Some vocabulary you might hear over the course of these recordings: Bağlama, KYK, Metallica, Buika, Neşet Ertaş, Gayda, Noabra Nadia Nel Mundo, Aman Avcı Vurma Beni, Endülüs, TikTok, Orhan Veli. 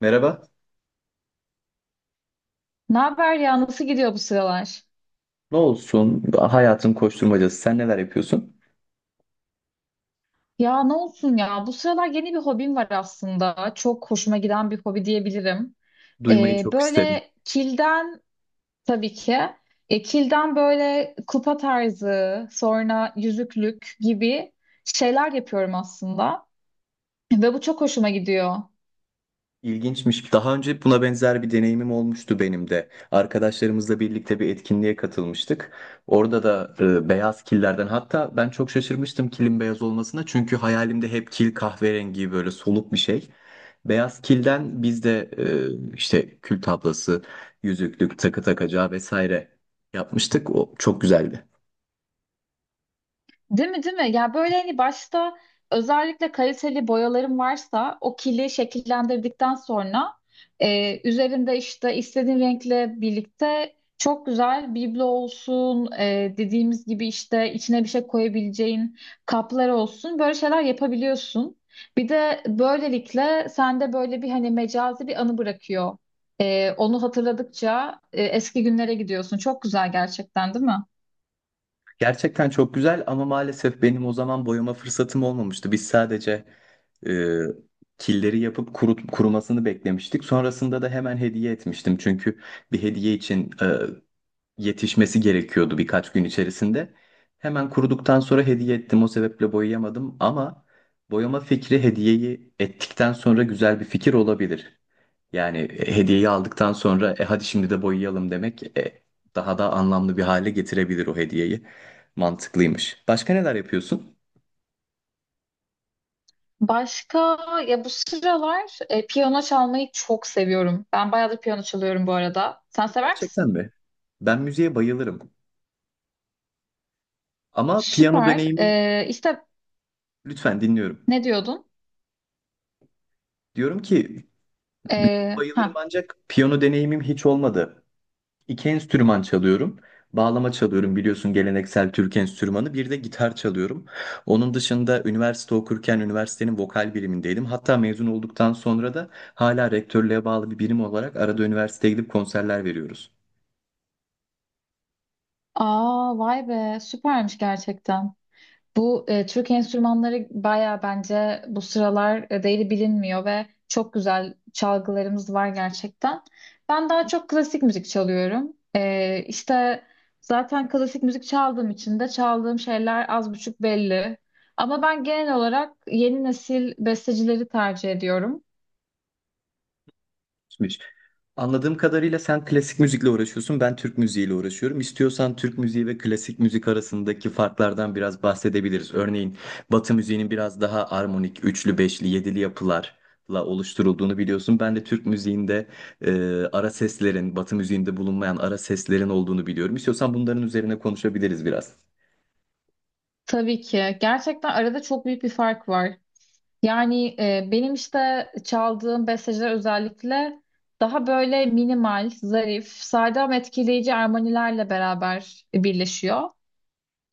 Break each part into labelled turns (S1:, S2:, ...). S1: Merhaba.
S2: Ne haber ya? Nasıl gidiyor bu sıralar?
S1: Ne olsun? Hayatın koşturmacası. Sen neler yapıyorsun?
S2: Ya ne olsun ya? Bu sıralar yeni bir hobim var aslında. Çok hoşuma giden bir hobi diyebilirim.
S1: Duymayı çok isterim.
S2: Böyle kilden tabii ki. Kilden böyle kupa tarzı, sonra yüzüklük gibi şeyler yapıyorum aslında. Ve bu çok hoşuma gidiyor.
S1: İlginçmiş. Daha önce buna benzer bir deneyimim olmuştu benim de. Arkadaşlarımızla birlikte bir etkinliğe katılmıştık. Orada da beyaz killerden hatta ben çok şaşırmıştım kilin beyaz olmasına. Çünkü hayalimde hep kil kahverengi böyle soluk bir şey. Beyaz kilden biz de işte kül tablası, yüzüklük, takı takacağı vesaire yapmıştık. O çok güzeldi.
S2: Değil mi değil mi? Ya böyle hani başta özellikle kaliteli boyalarım varsa o kili şekillendirdikten sonra üzerinde işte istediğin renkle birlikte çok güzel biblo olsun, dediğimiz gibi işte içine bir şey koyabileceğin kaplar olsun, böyle şeyler yapabiliyorsun. Bir de böylelikle sende böyle bir hani mecazi bir anı bırakıyor. Onu hatırladıkça eski günlere gidiyorsun. Çok güzel gerçekten değil mi?
S1: Gerçekten çok güzel ama maalesef benim o zaman boyama fırsatım olmamıştı. Biz sadece e, killeri yapıp kurumasını beklemiştik. Sonrasında da hemen hediye etmiştim. Çünkü bir hediye için yetişmesi gerekiyordu birkaç gün içerisinde. Hemen kuruduktan sonra hediye ettim. O sebeple boyayamadım ama boyama fikri hediyeyi ettikten sonra güzel bir fikir olabilir. Yani hediyeyi aldıktan sonra hadi şimdi de boyayalım demek daha da anlamlı bir hale getirebilir o hediyeyi. Mantıklıymış. Başka neler yapıyorsun?
S2: Başka ya bu sıralar piyano çalmayı çok seviyorum. Ben bayağıdır piyano çalıyorum bu arada. Sen sever
S1: Gerçekten
S2: misin?
S1: mi? Ben müziğe bayılırım. Ama piyano
S2: Süper.
S1: deneyimim
S2: E, işte
S1: lütfen dinliyorum.
S2: ne diyordun?
S1: Diyorum ki müziğe
S2: E,
S1: bayılırım
S2: ha.
S1: ancak piyano deneyimim hiç olmadı. İki enstrüman çalıyorum. Bağlama çalıyorum biliyorsun geleneksel Türk enstrümanı. Bir de gitar çalıyorum. Onun dışında üniversite okurken üniversitenin vokal birimindeydim. Hatta mezun olduktan sonra da hala rektörlüğe bağlı bir birim olarak arada üniversiteye gidip konserler veriyoruz.
S2: Aa, vay be, süpermiş gerçekten. Bu Türk enstrümanları baya bence bu sıralar değeri bilinmiyor ve çok güzel çalgılarımız var gerçekten. Ben daha çok klasik müzik çalıyorum. E, işte zaten klasik müzik çaldığım için de çaldığım şeyler az buçuk belli. Ama ben genel olarak yeni nesil bestecileri tercih ediyorum.
S1: Anladığım kadarıyla sen klasik müzikle uğraşıyorsun, ben Türk müziğiyle uğraşıyorum. İstiyorsan Türk müziği ve klasik müzik arasındaki farklardan biraz bahsedebiliriz. Örneğin Batı müziğinin biraz daha armonik, üçlü, beşli, yedili yapılarla oluşturulduğunu biliyorsun. Ben de Türk müziğinde e, ara seslerin, Batı müziğinde bulunmayan ara seslerin olduğunu biliyorum. İstiyorsan bunların üzerine konuşabiliriz biraz.
S2: Tabii ki. Gerçekten arada çok büyük bir fark var. Yani benim işte çaldığım besteler özellikle daha böyle minimal, zarif, sade ama etkileyici armonilerle beraber birleşiyor.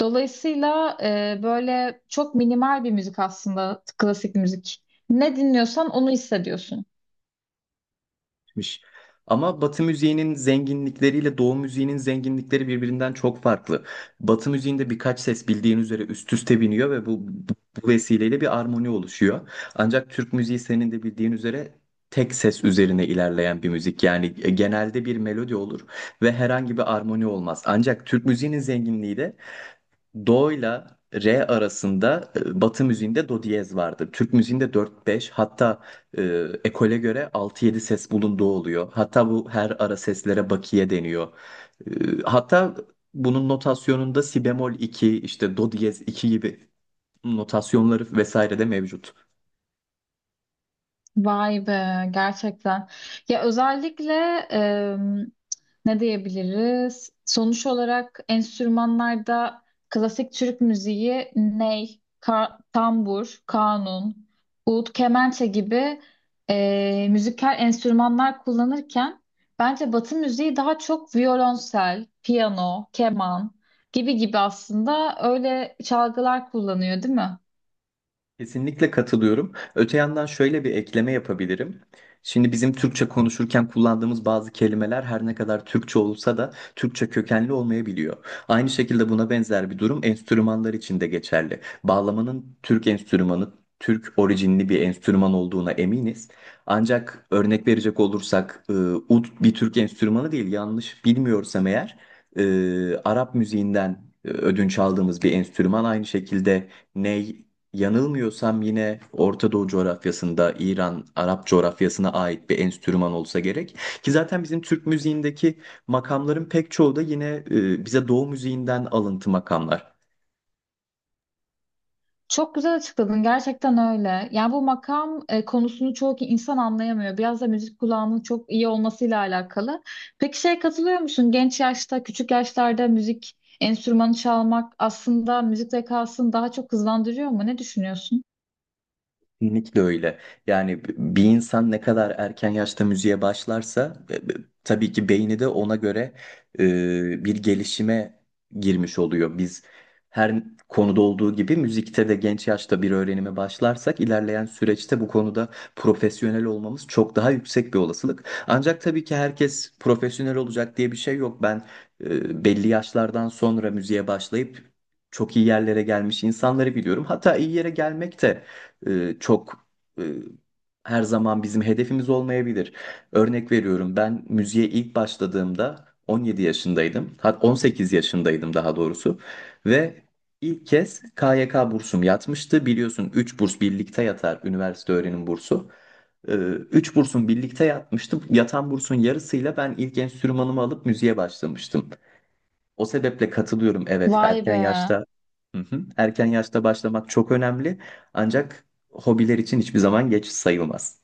S2: Dolayısıyla böyle çok minimal bir müzik aslında klasik müzik. Ne dinliyorsan onu hissediyorsun.
S1: Gitmiş. Ama Batı müziğinin zenginlikleriyle Doğu müziğinin zenginlikleri birbirinden çok farklı. Batı müziğinde birkaç ses bildiğin üzere üst üste biniyor ve bu vesileyle bir armoni oluşuyor. Ancak Türk müziği senin de bildiğin üzere tek ses üzerine ilerleyen bir müzik. Yani genelde bir melodi olur ve herhangi bir armoni olmaz. Ancak Türk müziğinin zenginliği de Do'yla re arasında Batı müziğinde do diyez vardır. Türk müziğinde 4-5 hatta e, ekole göre 6-7 ses bulunduğu oluyor. Hatta bu her ara seslere bakiye deniyor. Hatta bunun notasyonunda si bemol 2 işte do diyez 2 gibi notasyonları vesaire de mevcut.
S2: Vay be, gerçekten. Ya özellikle em, ne diyebiliriz? Sonuç olarak enstrümanlarda klasik Türk müziği ney, tambur, kanun, ud, kemençe gibi müzikal enstrümanlar kullanırken bence Batı müziği daha çok violonsel, piyano, keman gibi gibi aslında öyle çalgılar kullanıyor, değil mi?
S1: Kesinlikle katılıyorum. Öte yandan şöyle bir ekleme yapabilirim. Şimdi bizim Türkçe konuşurken kullandığımız bazı kelimeler her ne kadar Türkçe olsa da Türkçe kökenli olmayabiliyor. Aynı şekilde buna benzer bir durum enstrümanlar için de geçerli. Bağlamanın Türk enstrümanı, Türk orijinli bir enstrüman olduğuna eminiz. Ancak örnek verecek olursak ud bir Türk enstrümanı değil yanlış bilmiyorsam eğer Arap müziğinden ödünç aldığımız bir enstrüman aynı şekilde ney. Yanılmıyorsam yine Orta Doğu coğrafyasında İran, Arap coğrafyasına ait bir enstrüman olsa gerek. Ki zaten bizim Türk müziğindeki makamların pek çoğu da yine bize Doğu müziğinden alıntı makamlar.
S2: Çok güzel açıkladın. Gerçekten öyle. Yani bu makam konusunu çoğu insan anlayamıyor. Biraz da müzik kulağının çok iyi olmasıyla alakalı. Peki şeye katılıyor musun? Genç yaşta, küçük yaşlarda müzik enstrümanı çalmak aslında müzik zekasını daha çok hızlandırıyor mu? Ne düşünüyorsun?
S1: Kesinlikle öyle. Yani bir insan ne kadar erken yaşta müziğe başlarsa tabii ki beyni de ona göre bir gelişime girmiş oluyor. Biz her konuda olduğu gibi müzikte de genç yaşta bir öğrenime başlarsak ilerleyen süreçte bu konuda profesyonel olmamız çok daha yüksek bir olasılık. Ancak tabii ki herkes profesyonel olacak diye bir şey yok. Ben belli yaşlardan sonra müziğe başlayıp çok iyi yerlere gelmiş insanları biliyorum. Hatta iyi yere gelmek de e, çok e, her zaman bizim hedefimiz olmayabilir. Örnek veriyorum ben müziğe ilk başladığımda 17 yaşındaydım. 18 yaşındaydım daha doğrusu ve ilk kez KYK bursum yatmıştı. Biliyorsun 3 burs birlikte yatar üniversite öğrenim bursu. Üç bursun birlikte yatmıştı. Yatan bursun yarısıyla ben ilk enstrümanımı alıp müziğe başlamıştım. O sebeple katılıyorum. Evet,
S2: Vay
S1: erken
S2: be.
S1: yaşta. Hı hı. Erken yaşta başlamak çok önemli. Ancak hobiler için hiçbir zaman geç sayılmaz.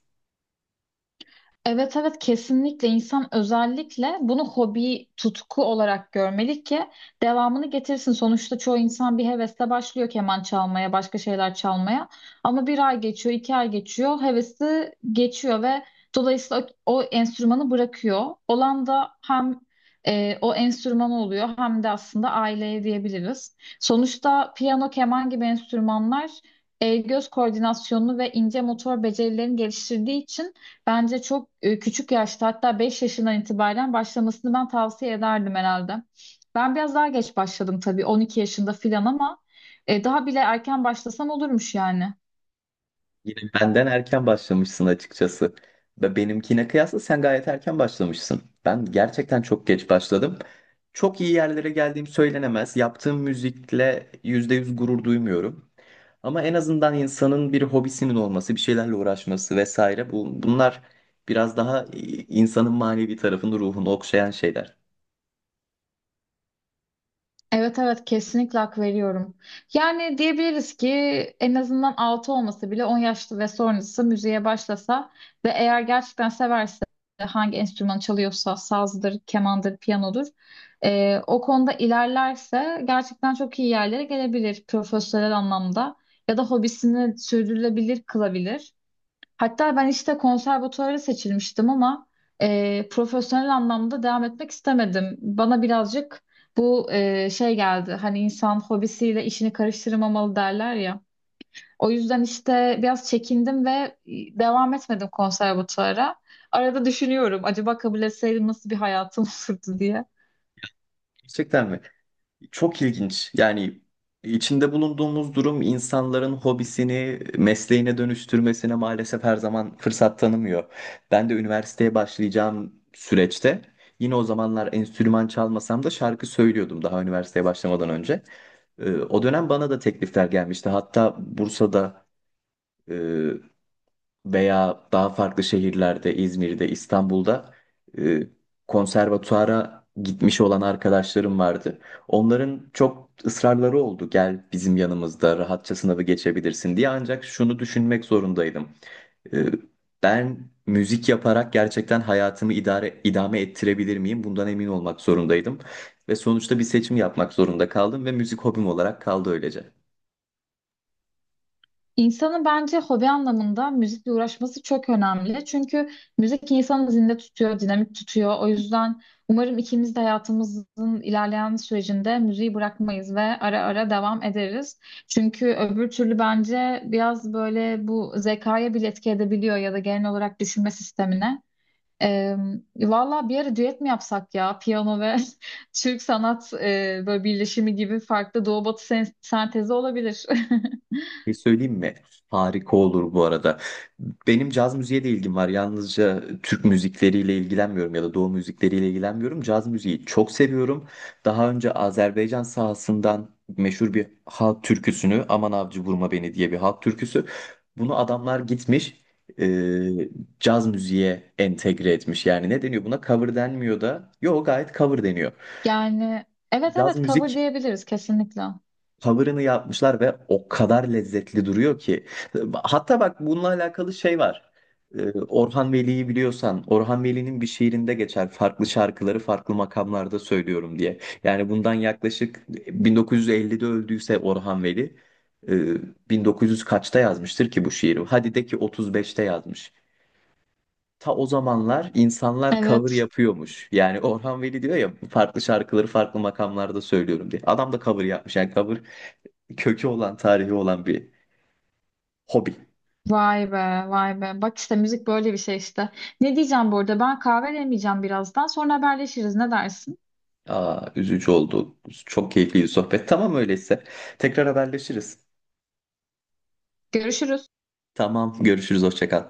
S2: Evet, evet, kesinlikle insan özellikle bunu hobi, tutku olarak görmeli ki devamını getirsin. Sonuçta çoğu insan bir hevesle başlıyor keman çalmaya, başka şeyler çalmaya. Ama bir ay geçiyor, iki ay geçiyor, hevesi geçiyor ve dolayısıyla o enstrümanı bırakıyor. Olan da hem o enstrüman oluyor hem de aslında aileye diyebiliriz. Sonuçta piyano, keman gibi enstrümanlar el göz koordinasyonunu ve ince motor becerilerini geliştirdiği için bence çok küçük yaşta, hatta 5 yaşından itibaren başlamasını ben tavsiye ederdim herhalde. Ben biraz daha geç başladım tabii, 12 yaşında filan, ama daha bile erken başlasam olurmuş yani.
S1: Yine benden erken başlamışsın açıkçası. Ve benimkine kıyasla sen gayet erken başlamışsın. Ben gerçekten çok geç başladım. Çok iyi yerlere geldiğim söylenemez. Yaptığım müzikle %100 gurur duymuyorum. Ama en azından insanın bir hobisinin olması, bir şeylerle uğraşması vesaire bunlar biraz daha insanın manevi tarafını, ruhunu okşayan şeyler.
S2: Evet, evet, kesinlikle hak veriyorum. Yani diyebiliriz ki en azından 6 olması bile, 10 yaşlı ve sonrası müziğe başlasa ve eğer gerçekten severse, hangi enstrüman çalıyorsa sazdır, kemandır, piyanodur, o konuda ilerlerse gerçekten çok iyi yerlere gelebilir profesyonel anlamda ya da hobisini sürdürülebilir kılabilir. Hatta ben işte konservatuvara seçilmiştim, ama profesyonel anlamda devam etmek istemedim. Bana birazcık bu şey geldi. Hani insan hobisiyle işini karıştırmamalı derler ya. O yüzden işte biraz çekindim ve devam etmedim konservatuvara. Arada düşünüyorum, acaba kabul etseydim nasıl bir hayatım olurdu diye.
S1: Gerçekten mi? Çok ilginç. Yani içinde bulunduğumuz durum insanların hobisini mesleğine dönüştürmesine maalesef her zaman fırsat tanımıyor. Ben de üniversiteye başlayacağım süreçte yine o zamanlar enstrüman çalmasam da şarkı söylüyordum daha üniversiteye başlamadan önce. O dönem bana da teklifler gelmişti. Hatta Bursa'da e, veya daha farklı şehirlerde, İzmir'de, İstanbul'da e, konservatuara gitmiş olan arkadaşlarım vardı. Onların çok ısrarları oldu. Gel bizim yanımızda rahatça sınavı geçebilirsin diye. Ancak şunu düşünmek zorundaydım. E, ben müzik yaparak gerçekten hayatımı idare idame ettirebilir miyim? Bundan emin olmak zorundaydım. Ve sonuçta bir seçim yapmak zorunda kaldım ve müzik hobim olarak kaldı öylece.
S2: İnsanın bence hobi anlamında müzikle uğraşması çok önemli. Çünkü müzik insanı zinde tutuyor, dinamik tutuyor. O yüzden umarım ikimiz de hayatımızın ilerleyen sürecinde müziği bırakmayız ve ara ara devam ederiz. Çünkü öbür türlü bence biraz böyle bu zekaya bile etki edebiliyor ya da genel olarak düşünme sistemine. Ee, Valla bir ara düet mi yapsak ya? Piyano ve Türk sanat, böyle birleşimi gibi farklı doğu batı sentezi olabilir.
S1: Bir şey söyleyeyim mi? Harika olur bu arada. Benim caz müziğe de ilgim var. Yalnızca Türk müzikleriyle ilgilenmiyorum ya da Doğu müzikleriyle ilgilenmiyorum. Caz müziği çok seviyorum. Daha önce Azerbaycan sahasından meşhur bir halk türküsünü Aman Avcı Vurma Beni diye bir halk türküsü. Bunu adamlar gitmiş e, caz müziğe entegre etmiş. Yani ne deniyor buna? Cover denmiyor da. Yo gayet cover deniyor.
S2: Yani evet,
S1: Caz
S2: evet, cover
S1: müzik
S2: diyebiliriz kesinlikle.
S1: cover'ını yapmışlar ve o kadar lezzetli duruyor ki. Hatta bak bununla alakalı şey var. Orhan Veli'yi biliyorsan, Orhan Veli'nin bir şiirinde geçer farklı şarkıları farklı makamlarda söylüyorum diye. Yani bundan yaklaşık 1950'de öldüyse Orhan Veli, 1900 kaçta yazmıştır ki bu şiiri? Hadi de ki 35'te yazmış. Ta o zamanlar insanlar cover
S2: Evet.
S1: yapıyormuş. Yani Orhan Veli diyor ya farklı şarkıları farklı makamlarda söylüyorum diye. Adam da cover yapmış. Yani cover kökü olan, tarihi olan bir hobi.
S2: Vay be, vay be. Bak işte müzik böyle bir şey işte. Ne diyeceğim bu arada? Ben kahve demeyeceğim birazdan. Sonra haberleşiriz. Ne dersin?
S1: Aa, üzücü oldu. Çok keyifli bir sohbet. Tamam öyleyse. Tekrar haberleşiriz.
S2: Görüşürüz.
S1: Tamam, görüşürüz. Hoşça kal.